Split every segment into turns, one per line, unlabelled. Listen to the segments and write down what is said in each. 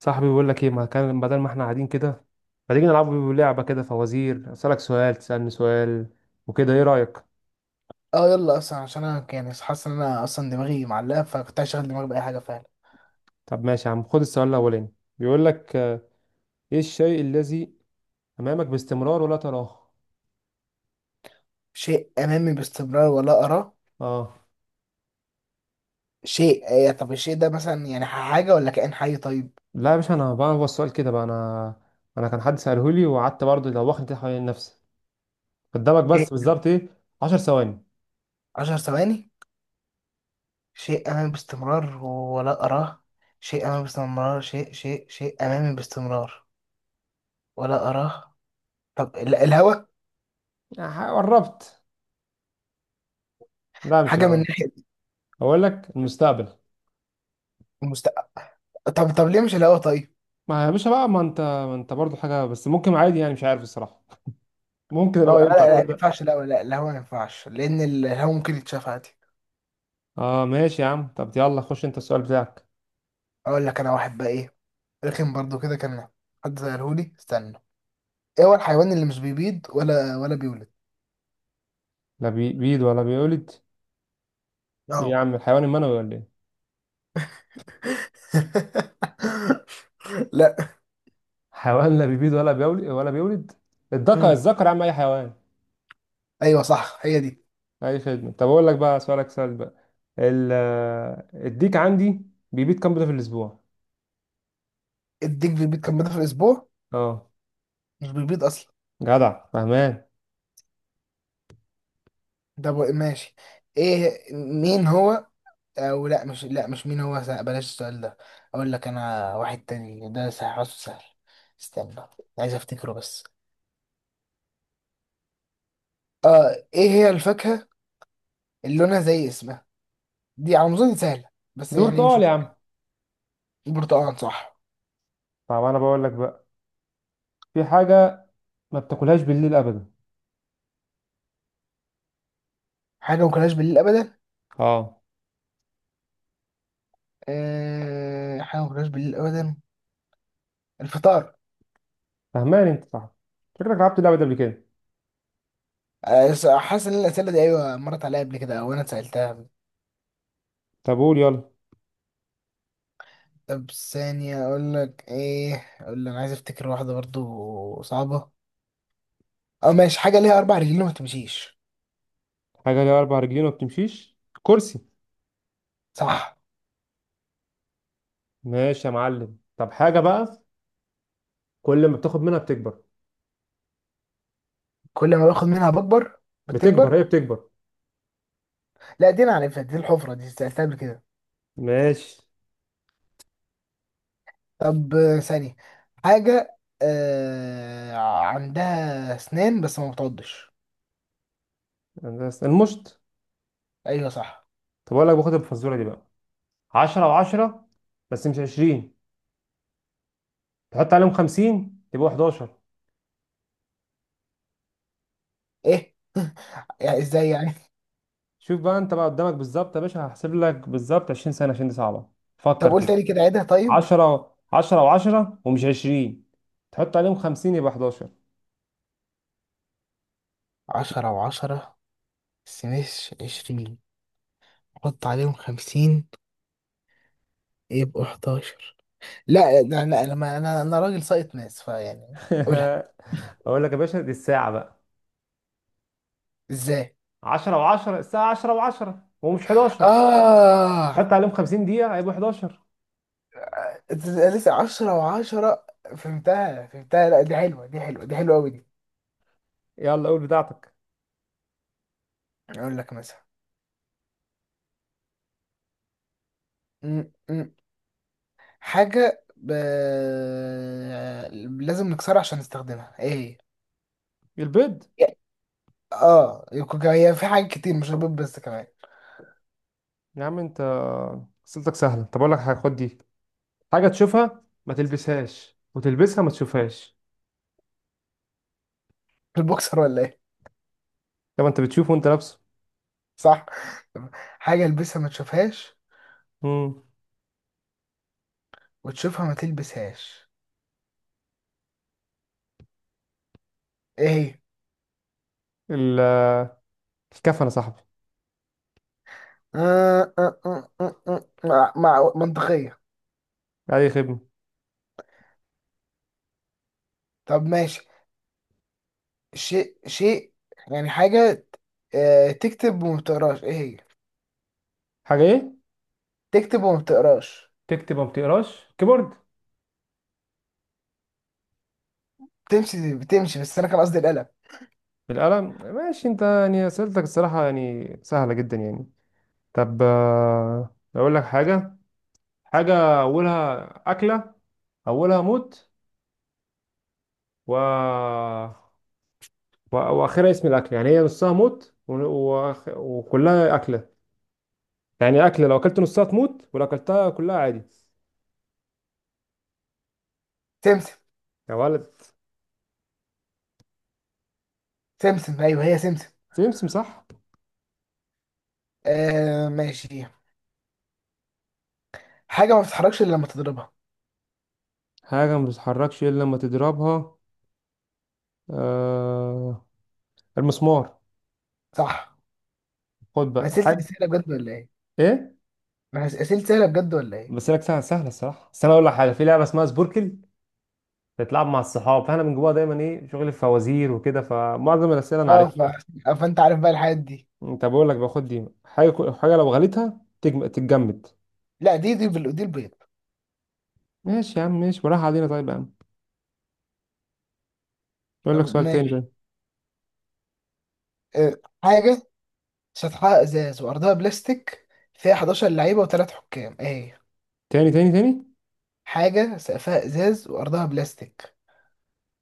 صاحبي بيقول لك ايه، ما كان بدل ما احنا قاعدين كده ما تيجي نلعب لعبه كده فوازير، اسالك سؤال تسالني سؤال وكده، ايه رايك؟
اه يلا اصلا عشان انا حاسس ان انا دماغي معلقه، فكنت هشغل دماغي باي حاجه فعلا.
طب ماشي يا عم، خد السؤال الاولاني. بيقول لك ايه الشيء الذي امامك باستمرار ولا تراه؟
شيء امامي باستمرار ولا اراه؟
اه.
شيء. طب الشيء ده مثلا يعني حاجه ولا كائن حي؟ طيب.
لا يا باشا، انا بقى هو السؤال كده بقى، انا كان حد ساله لي وقعدت برضه دوخني كده حوالين نفسي. قدامك بس
شيء.
بالظبط ايه؟ 10 ثواني.
عشر ثواني. شيء امامي باستمرار ولا اراه. شيء امامي باستمرار. شيء شيء امامي باستمرار ولا اراه. طب الهوا.
قربت. لا مش
حاجه من
الاول.
ناحيه
اقول لك المستقبل.
المستقبل. طب ليه مش الهوا؟ طيب.
ما يا باشا بقى، ما انت برضه حاجه، بس ممكن عادي، يعني مش عارف الصراحه. ممكن
هو-
اه
لا
ينفع
لا ما
تبدأ.
ينفعش الهوا. لا الهوا ما ينفعش لان الهوا ممكن يتشاف عادي.
اه ماشي يا عم، طب يلا خش انت السؤال بتاعك.
اقول لك انا واحد بقى، ايه؟ رخم برضو كده كان. حد سألهولي، استنى. ايه هو الحيوان اللي مش بيبيض ولا بيولد؟
لا بيبيض ولا بيولد. ايه يا
اه.
عم الحيوان المنوي ولا ايه؟
لا.
حيوان لا بيبيض ولا بيولد الذكر،
مم.
الذكر يا عم، اي حيوان.
ايوه صح، هي دي.
اي خدمة. طب اقول لك بقى سؤالك سؤال بقى. الديك عندي بيبيض كام بيضة في الاسبوع؟
الديك بيبيض كام مرة في الاسبوع؟
اه.
مش بيبيض اصلا.
جدع فهمان.
ماشي. ايه مين هو؟ او لا، مش لا مش مين هو سأ- بلاش السؤال ده. اقول لك انا واحد تاني، ده سهل، حاسه سهل. استنى، عايز افتكره بس. اه، ايه هي الفاكهة اللي لونها زي اسمها؟ دي على ما اظن سهلة، بس
دور
يعني مش
سؤال يا عم.
مشكلة. البرتقال، صح؟
طب انا بقول لك بقى، في حاجة ما بتاكلهاش بالليل ابدا.
حاجة ما كلناش بالليل أبدا؟
اه.
أه، حاجة ما كلناش بالليل أبدا. الفطار.
فهمان انت، صح. شكلك لعبت اللعبة دي قبل كده.
حاسس إن الأسئلة دي، أيوة، مرت عليا قبل كده أو أنا اتسألتها.
طب قول يلا.
طب ثانية. أقول لك إيه؟ أقول لك، أنا عايز أفتكر واحدة برضو صعبة. أو ماشي، حاجة ليها أربع رجلين وما تمشيش.
حاجة ليها أربع رجلين وما بتمشيش. كرسي.
صح.
ماشي يا معلم. طب حاجة بقى كل ما بتاخد منها بتكبر.
كل ما باخد منها بكبر.
بتكبر،
بتكبر.
هي بتكبر.
لا، دي أنا عارفها دي، الحفرة دي، سألتها قبل كده.
ماشي.
طب ثانية. حاجة عندها أسنان بس ما بتعضش.
بس المشط.
أيوة صح.
طب أقول لك باخد الفزورة دي بقى. 10 وعشرة بس مش 20، تحط عليهم 50 يبقوا 11.
إيه؟ يعني إزاي يعني؟
شوف بقى أنت بقى قدامك بالظبط يا باشا، هحسب لك بالظبط 20 سنة عشان دي صعبة.
طب
فكر
قول
كده.
تاني كده، عيدها. طيب.
10 10 وعشرة ومش 20، تحط عليهم 50 يبقى 11.
عشرة وعشرة، سمش عشرين، حط عليهم خمسين، يبقوا حداشر. لا أنا ما- أنا أنا راجل سايط ناس، فيعني. قولها.
أقول لك يا باشا دي الساعة بقى.
إزاي؟
10 و10. الساعة 10 و10، هو مش 11؟
آه.
حتى عليهم 50 دقيقة هيبقوا 11.
إنت لسه عشرة وعشرة. فهمتها. لا، دي حلوة، دي حلوة أوي دي.
يلا قول بتاعتك.
أقول لك مثلا. م- م. حاجة لازم نكسرها عشان نستخدمها، إيه هي؟
البيض.
هي في حاجات كتير مش رابط، بس كمان.
يا عم انت أسئلتك سهلة. طب أقول لك حاجة، خد دي. حاجة تشوفها ما تلبسهاش وتلبسها ما تشوفهاش.
البوكسر ولا إيه؟
طب انت بتشوفه وانت لابسه.
صح. حاجة البسها ما تشوفهاش
امم.
وتشوفها ما تلبسهاش، ايه هي؟
ال- الكفن يا صاحبي.
منطقية.
أي خدمة.
طب ماشي. شيء يعني حاجة تكتب وما بتقراش، ايه هي؟
حاجة ايه؟
تكتب وما بتقراش.
تكتب وما بتقراش كيبورد.
تمشي بتمشي، بس انا كان قصدي القلم.
بالقلم. ماشي انت، يعني أسئلتك الصراحة يعني سهلة جدا يعني. طب أقول لك حاجة. حاجة أولها أكلة، أولها موت و... وآخرها اسم الأكل. يعني هي نصها موت وكلها أكلة. يعني أكلة لو أكلت نصها تموت ولو أكلتها كلها عادي.
سمسم.
يا ولد.
سمسم، ايوه هي سمسم.
سمسم صح.
آه ماشي. حاجة ما بتتحركش الا لما تضربها.
حاجة ما بتتحركش إلا لما تضربها. آه... المسمار.
صح.
خد
أنا
بقى
أسئلتي
حاجة.
سهلة بجد ولا ايه؟
إيه؟
أنا أسئلتي سهلة بجد ولا ايه؟
بس لك سهلة، سهلة الصراحة. بس أنا أقول لك حاجة، في لعبة اسمها سبوركل بتتلعب مع الصحاب، فأنا من جواها دايما إيه شغل الفوازير وكده، فمعظم الأسئلة أنا
اه
عارفها.
ف... فانت عارف بقى الحاجات دي.
طب اقول لك باخد دي حاجه حاجه لو غليتها تتجمد.
لا، دي البيض.
ماشي يا عم ماشي، وراح علينا. طيب يا عم اقول لك
طب
سؤال تاني بقى.
ماشي. آه، حاجة سطحها ازاز وارضها بلاستيك، فيها 11 لعيبة وثلاث حكام، ايه هي؟
تاني تاني تاني.
حاجة سقفها ازاز وارضها بلاستيك،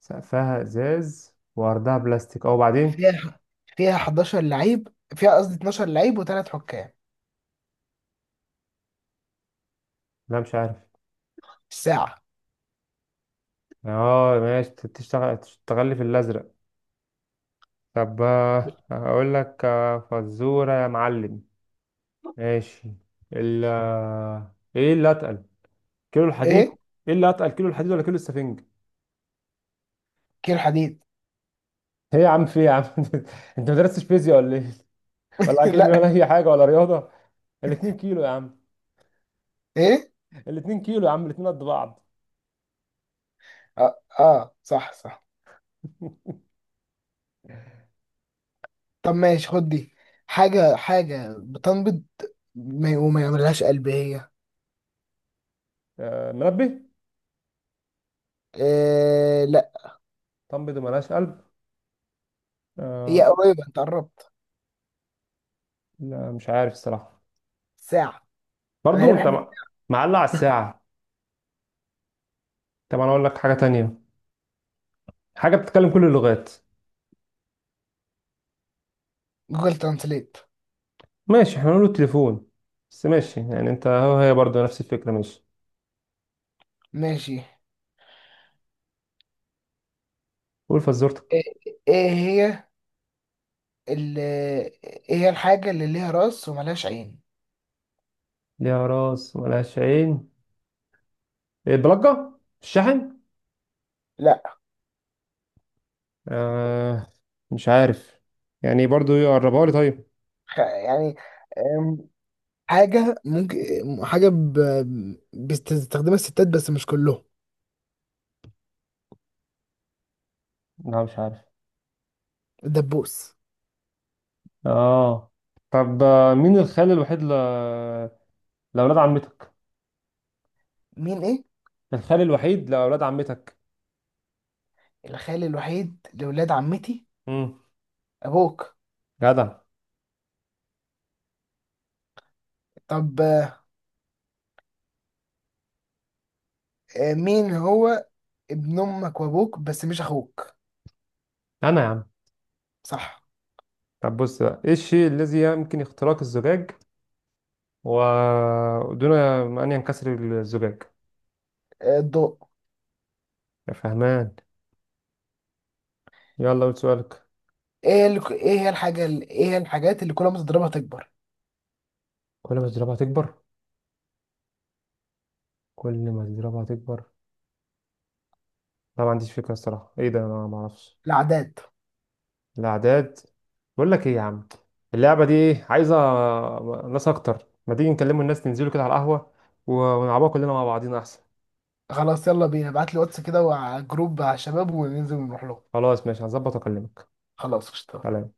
سقفها ازاز وعرضها بلاستيك، او بعدين.
فيها فيها 11 لعيب، فيها قصدي 12 لعيب وثلاث حكام.
لا مش عارف.
الساعة.
اه ماشي، تشتغل تشتغل لي في الازرق. طب اقول لك فزوره يا معلم. ماشي. ال آه، ايه اللي اتقل كيلو الحديد؟
ايه؟
ايه اللي اتقل كيلو الحديد ولا كيلو السفنج؟
كيلو حديد.
ايه يا عم، في إيه يا عم انت ما درستش فيزياء ولا ايه؟ ولا كيمياء ولا
لا.
اي حاجه ولا رياضه. الاتنين كيلو يا عم،
ايه؟
الاتنين كيلو يا عم، الاتنين قد بعض.
اه, آه. صح صح. طب ماشي، خد دي. حاجة بتنبض ما- وما يعملهاش قلب، هي
منبه.
إيه؟ لا،
طنب دي ملهاش قلب.
هي
آه،
قريبة، انت قربت.
لا مش عارف الصراحة.
ساعة. انا ليه
برضو انت
بحب.
معلق على الساعة. طب انا اقول لك حاجة تانية، حاجة بتتكلم كل اللغات.
جوجل ترانسليت.
ماشي احنا نقول التليفون، بس ماشي، يعني انت هو هي برضو نفس الفكرة. ماشي،
ماشي.
قول فزورتك.
ايه؟ إيه هي ايه هي الحاجة اللي ليها راس وملهاش عين؟
ليها راس ملهاش عين. ايه، بلجة الشحن؟
لا.
آه، مش عارف، يعني برضو يقربها لي طيب.
يعني أم، حاجة ممكن، حاجة بتستخدمها الستات بس مش كلهم.
لا مش عارف.
الدبوس.
اه. طب مين الخال الوحيد لأولاد عمتك؟
مين ايه؟
الخال الوحيد لأولاد عمتك.
الخال الوحيد لولاد عمتي.
امم.
أبوك.
جدع.
طب مين هو ابن أمك وأبوك بس مش أخوك؟
أنا يا عم.
صح.
طب بص بقى، إيه الشيء الذي يمكن اختراق الزجاج ودون أن ينكسر الزجاج؟
آه، الضوء.
يا فهمان. يلا قول سؤالك.
ايه هي الحاجات اللي كل ما تضربها تكبر؟
كل ما تضربها تكبر. كل ما تضربها تكبر. لا ما عنديش فكرة الصراحة، إيه ده، أنا ما أعرفش.
العادات.
الأعداد. بقول لك إيه يا عم، اللعبة دي إيه؟ عايزة ناس أكتر. ما تيجي نكلموا الناس ننزلوا كده على القهوة ونلعبوها كلنا مع بعضينا أحسن.
خلاص يلا بينا، ابعت لي واتس كده وع- جروب على الشباب وننزل نروح لهم.
خلاص ماشي، هظبط وأكلمك.
خلاص، اشتغل.
سلام.